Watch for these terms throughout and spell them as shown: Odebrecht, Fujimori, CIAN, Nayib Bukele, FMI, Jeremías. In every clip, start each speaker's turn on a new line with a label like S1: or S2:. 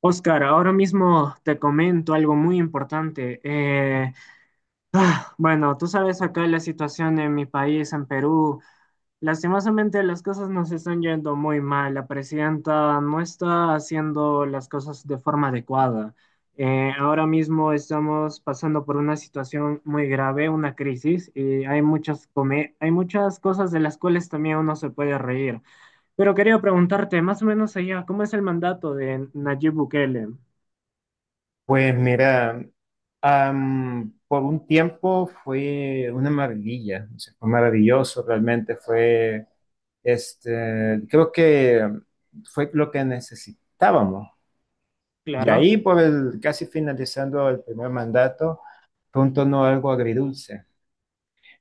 S1: Oscar, ahora mismo te comento algo muy importante. Bueno, tú sabes acá la situación en mi país, en Perú. Lastimosamente las cosas nos están yendo muy mal. La presidenta no está haciendo las cosas de forma adecuada. Ahora mismo estamos pasando por una situación muy grave, una crisis, y hay muchas cosas de las cuales también uno se puede reír. Pero quería preguntarte, más o menos allá, ¿cómo es el mandato de Nayib Bukele?
S2: Pues mira, por un tiempo fue una maravilla, o sea, fue maravilloso, realmente fue, creo que fue lo que necesitábamos. Y
S1: Claro.
S2: ahí, casi finalizando el primer mandato, fue un tono algo agridulce,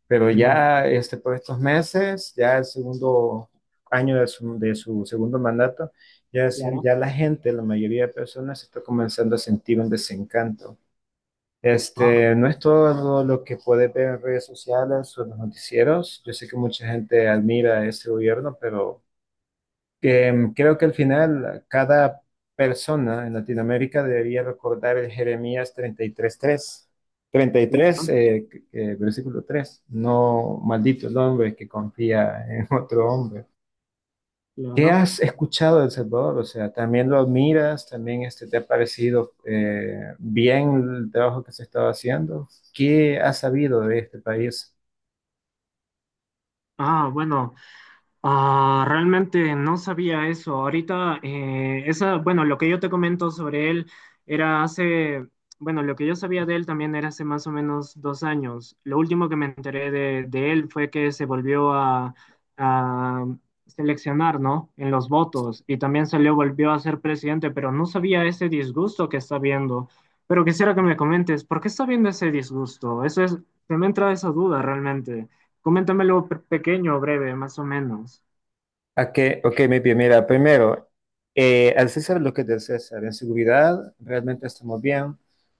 S2: pero
S1: Mm.
S2: ya por estos meses, ya el segundo año de su segundo mandato, ya,
S1: Claro,
S2: ya la gente, la mayoría de personas, está comenzando a sentir un desencanto.
S1: ah,
S2: No es todo lo que puede ver en redes sociales o en los noticieros. Yo sé que mucha gente admira ese gobierno, pero creo que al final cada persona en Latinoamérica debería recordar el Jeremías 33:3. 33,
S1: claro,
S2: versículo 3: no maldito el hombre que confía en otro hombre. ¿Qué
S1: claro.
S2: has escuchado de El Salvador? O sea, ¿también lo admiras? ¿También te ha parecido bien el trabajo que se estaba haciendo? ¿Qué has sabido de este país?
S1: Ah, bueno. Realmente no sabía eso. Ahorita, esa, bueno, lo que yo te comento sobre él era hace, bueno, lo que yo sabía de él también era hace más o menos 2 años. Lo último que me enteré de él fue que se volvió a seleccionar, ¿no? En los votos y también se le volvió a ser presidente, pero no sabía ese disgusto que está viendo. Pero quisiera que me comentes, ¿por qué está viendo ese disgusto? Eso es, se me entra esa duda realmente. Coméntamelo pequeño, breve, más o menos.
S2: Okay, ok, muy bien. Mira, primero, al César lo que es del César. En seguridad, realmente estamos bien.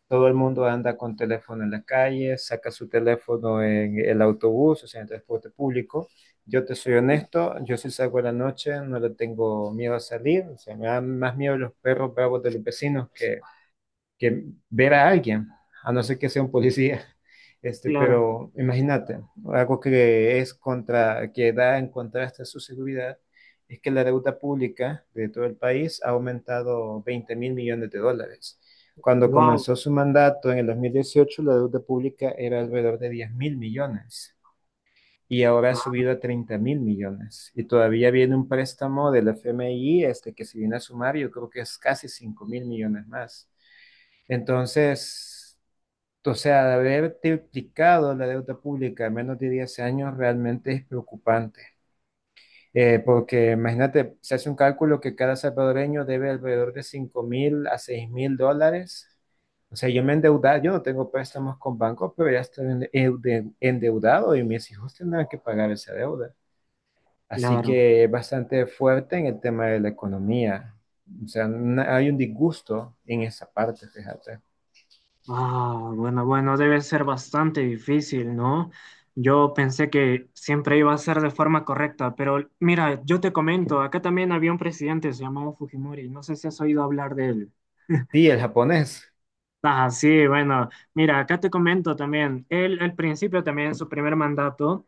S2: Todo el mundo anda con teléfono en la calle, saca su teléfono en el autobús, o sea, en el transporte público. Yo te soy honesto, yo si salgo a la noche no le tengo miedo a salir, o sea, me dan más miedo los perros bravos de los vecinos que ver a alguien, a no ser que sea un policía.
S1: Claro.
S2: Pero imagínate, algo que es contra, que da en contraste a su seguridad, es que la deuda pública de todo el país ha aumentado 20.000 millones de dólares. Cuando
S1: ¡Wow!
S2: comenzó su mandato en el 2018 la deuda pública era alrededor de 10.000 millones y ahora ha
S1: Ah,
S2: subido a 30.000 millones. Y todavía viene un préstamo del FMI que se viene a sumar, yo creo que es casi 5.000 millones más. Entonces, o sea, de haber triplicado la deuda pública en menos de 10 años realmente es preocupante.
S1: no,
S2: Porque imagínate, se hace un cálculo que cada salvadoreño debe alrededor de 5.000 a 6.000 dólares. O sea, yo me he endeudado, yo no tengo préstamos con bancos, pero ya estoy endeudado y mis hijos tendrán que pagar esa deuda. Así
S1: claro.
S2: que es bastante fuerte en el tema de la economía. O sea, hay un disgusto en esa parte, fíjate.
S1: Ah, bueno, bueno, debe ser bastante difícil, ¿no? Yo pensé que siempre iba a ser de forma correcta, pero mira, yo te comento, acá también había un presidente, se llamaba Fujimori, no sé si has oído hablar de él.
S2: Sí, el japonés.
S1: Ah, sí, bueno, mira, acá te comento también, él al principio también, en su primer mandato,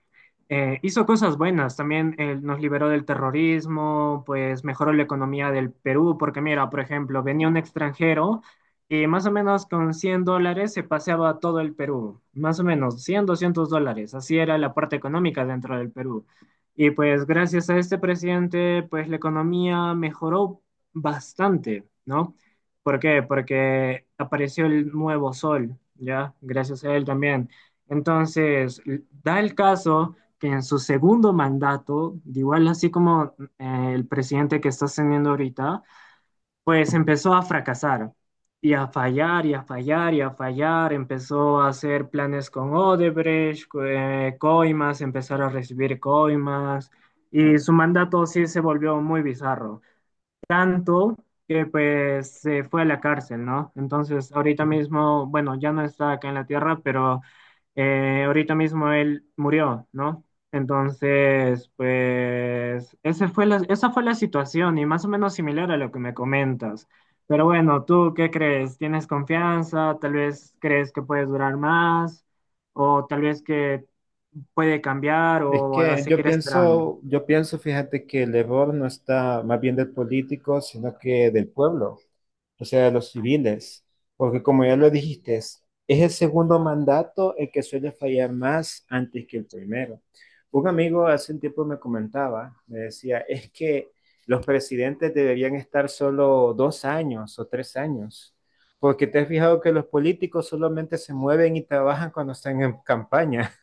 S1: hizo cosas buenas, también él nos liberó del terrorismo, pues mejoró la economía del Perú, porque mira, por ejemplo, venía un extranjero y más o menos con $100 se paseaba todo el Perú, más o menos 100, $200, así era la parte económica dentro del Perú. Y pues gracias a este presidente, pues la economía mejoró bastante, ¿no? ¿Por qué? Porque apareció el nuevo sol, ¿ya? Gracias a él también. Entonces, l- da el caso que en su segundo mandato, de igual así como el presidente que está teniendo ahorita, pues empezó a fracasar y a fallar y a fallar y a fallar. Empezó a hacer planes con Odebrecht, coimas, empezar a recibir coimas, y su mandato sí se volvió muy bizarro, tanto que pues se fue a la cárcel, ¿no? Entonces, ahorita mismo, bueno, ya no está acá en la tierra, pero ahorita mismo él murió, ¿no? Entonces, pues esa fue la situación y más o menos similar a lo que me comentas. Pero bueno, ¿tú qué crees? ¿Tienes confianza? ¿Tal vez crees que puedes durar más? ¿O tal vez que puede cambiar
S2: Es
S1: o a
S2: que
S1: seguir esperando?
S2: yo pienso, fíjate que el error no está más bien del político, sino que del pueblo, o sea, de los civiles, porque como ya lo dijiste, es el segundo mandato el que suele fallar más antes que el primero. Un amigo hace un tiempo me comentaba, me decía, es que los presidentes deberían estar solo 2 años o 3 años, porque te has fijado que los políticos solamente se mueven y trabajan cuando están en campaña.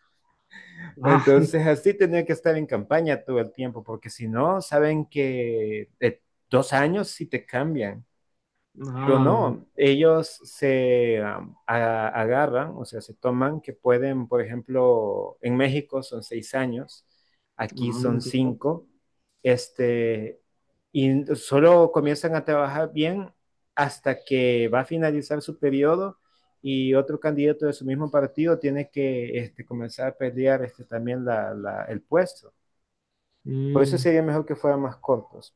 S2: Entonces, así tenía que estar en campaña todo el tiempo, porque si no, saben que de 2 años sí te cambian.
S1: Ah,
S2: Pero
S1: no,
S2: no, ellos se agarran, o sea, se toman que pueden, por ejemplo, en México son 6 años, aquí son
S1: entiendo.
S2: cinco, este, y solo comienzan a trabajar bien hasta que va a finalizar su periodo y otro candidato de su mismo partido tiene que comenzar a pelear también el puesto. Por eso
S1: Mm.
S2: sería mejor que fueran más cortos.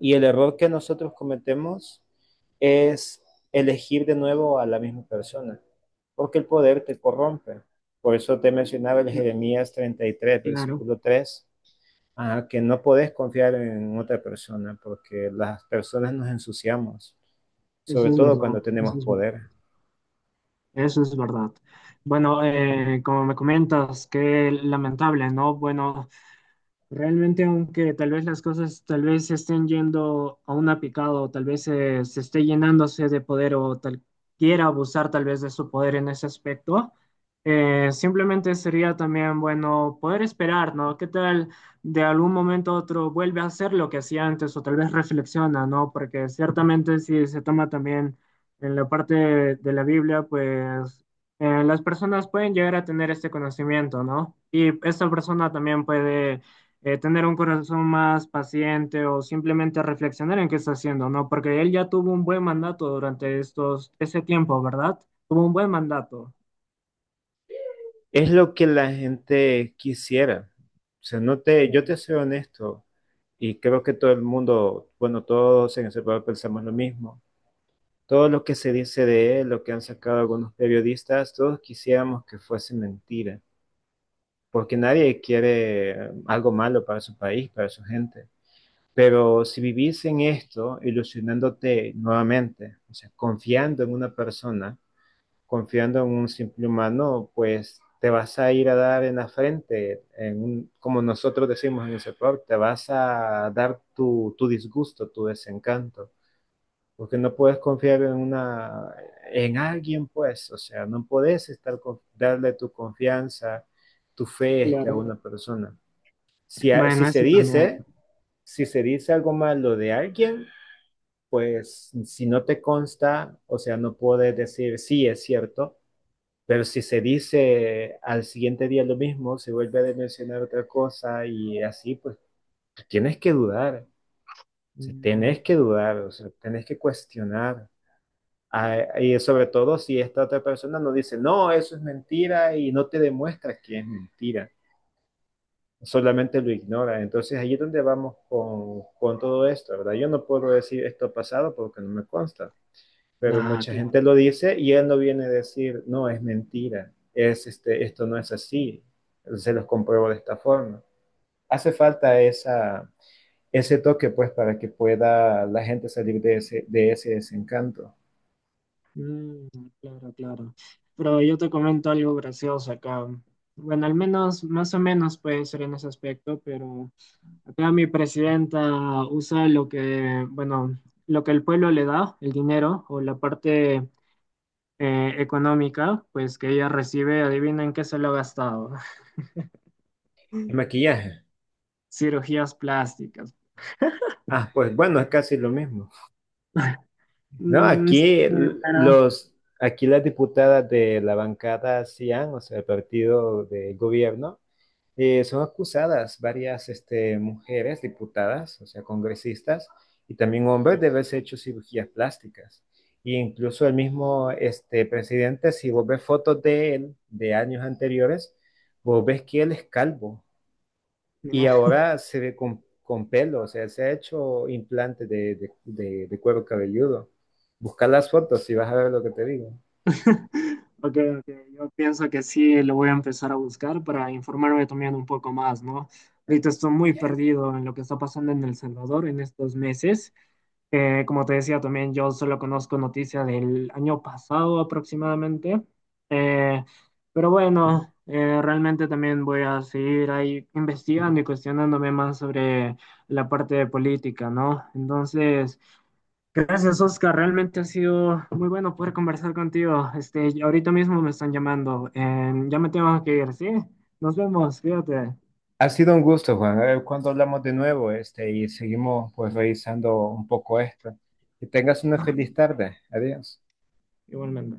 S2: Y el error que nosotros cometemos es elegir de nuevo a la misma persona, porque el poder te corrompe. Por eso te mencionaba el
S1: Mm,
S2: Jeremías treinta y tres
S1: claro,
S2: versículo tres que no podés confiar en otra persona, porque las personas nos ensuciamos, sobre
S1: eso es
S2: todo
S1: verdad,
S2: cuando tenemos
S1: eso es verdad,
S2: poder.
S1: eso es verdad. Bueno, como me comentas, qué lamentable, ¿no? Bueno, realmente, aunque tal vez las cosas tal vez se estén yendo a una picada o tal vez se, esté llenándose de poder o tal quiera abusar tal vez de su poder en ese aspecto, simplemente sería también bueno poder esperar, ¿no? ¿Qué tal de algún momento a otro vuelve a hacer lo que hacía antes o tal vez reflexiona, no? Porque ciertamente si se toma también en la parte de la Biblia, pues las personas pueden llegar a tener este conocimiento, ¿no? Y esta persona también puede tener un corazón más paciente o simplemente reflexionar en qué está haciendo, ¿no? Porque él ya tuvo un buen mandato durante estos, ese tiempo, ¿verdad? Tuvo un buen mandato.
S2: Es lo que la gente quisiera. O sea, no te, yo te
S1: Claro,
S2: soy honesto y creo que todo el mundo, bueno, todos en ese pueblo pensamos lo mismo. Todo lo que se dice de él, lo que han sacado algunos periodistas, todos quisiéramos que fuese mentira, porque nadie quiere algo malo para su país, para su gente. Pero si vivís en esto, ilusionándote nuevamente, o sea, confiando en una persona, confiando en un simple humano, pues te vas a ir a dar en la frente, en como nosotros decimos en el sector, te vas a dar tu disgusto, tu desencanto porque no puedes confiar en alguien, pues, o sea, no puedes estar darle tu confianza, tu fe a
S1: claro.
S2: una persona. Si,
S1: Bueno, eso también.
S2: si se dice algo malo de alguien, pues si no te consta, o sea, no puedes decir sí, es cierto, pero si se dice al siguiente día lo mismo, se vuelve a mencionar otra cosa y así, pues tienes que dudar, o sea,
S1: Mm.
S2: tienes que dudar, o sea, tienes que cuestionar. Y sobre todo si esta otra persona no dice, no, eso es mentira y no te demuestra que es mentira, solamente lo ignora. Entonces ahí es donde vamos con todo esto, ¿verdad? Yo no puedo decir esto ha pasado porque no me consta, pero
S1: Ah,
S2: mucha gente
S1: claro.
S2: lo dice y él no viene a decir, no, es mentira, es, esto no es así, se los compruebo de esta forma. Hace falta esa, ese toque pues para que pueda la gente salir de ese desencanto.
S1: Mm, claro, claro. Pero yo te comento algo gracioso acá. Bueno, al menos, más o menos puede ser en ese aspecto, pero acá mi presidenta usa lo que, bueno, lo que el pueblo le da, el dinero o la parte económica, pues que ella recibe, adivinen qué se lo ha gastado.
S2: El maquillaje.
S1: Cirugías plásticas.
S2: Ah, pues bueno, es casi lo mismo. No,
S1: Mm, sí,
S2: aquí
S1: pero
S2: las diputadas de la bancada CIAN, o sea, el partido de gobierno, son acusadas varias mujeres diputadas, o sea, congresistas, y también hombres
S1: no,
S2: de haberse hecho cirugías plásticas. E incluso el mismo presidente, si vos ves fotos de él de años anteriores, vos ves que él es calvo. Y
S1: no.
S2: ahora se ve con pelo, o sea, se ha hecho implante de cuero cabelludo. Busca las fotos y vas a ver lo que te digo.
S1: Ok, ok, yo pienso que sí lo voy a empezar a buscar para informarme también un poco más, ¿no? Ahorita estoy muy perdido en lo que está pasando en El Salvador en estos meses. Como te decía también, yo solo conozco noticias del año pasado aproximadamente. Eh, pero bueno, realmente también voy a seguir ahí investigando y cuestionándome más sobre la parte de política, ¿no? Entonces... Gracias, Oscar. Realmente ha sido muy bueno poder conversar contigo. Este, y ahorita mismo me están llamando. Ya me tengo que ir, ¿sí? Nos vemos, fíjate.
S2: Ha sido un gusto, Juan. A ver cuándo hablamos de nuevo, y seguimos pues revisando un poco esto. Que tengas una feliz tarde. Adiós.
S1: Igualmente.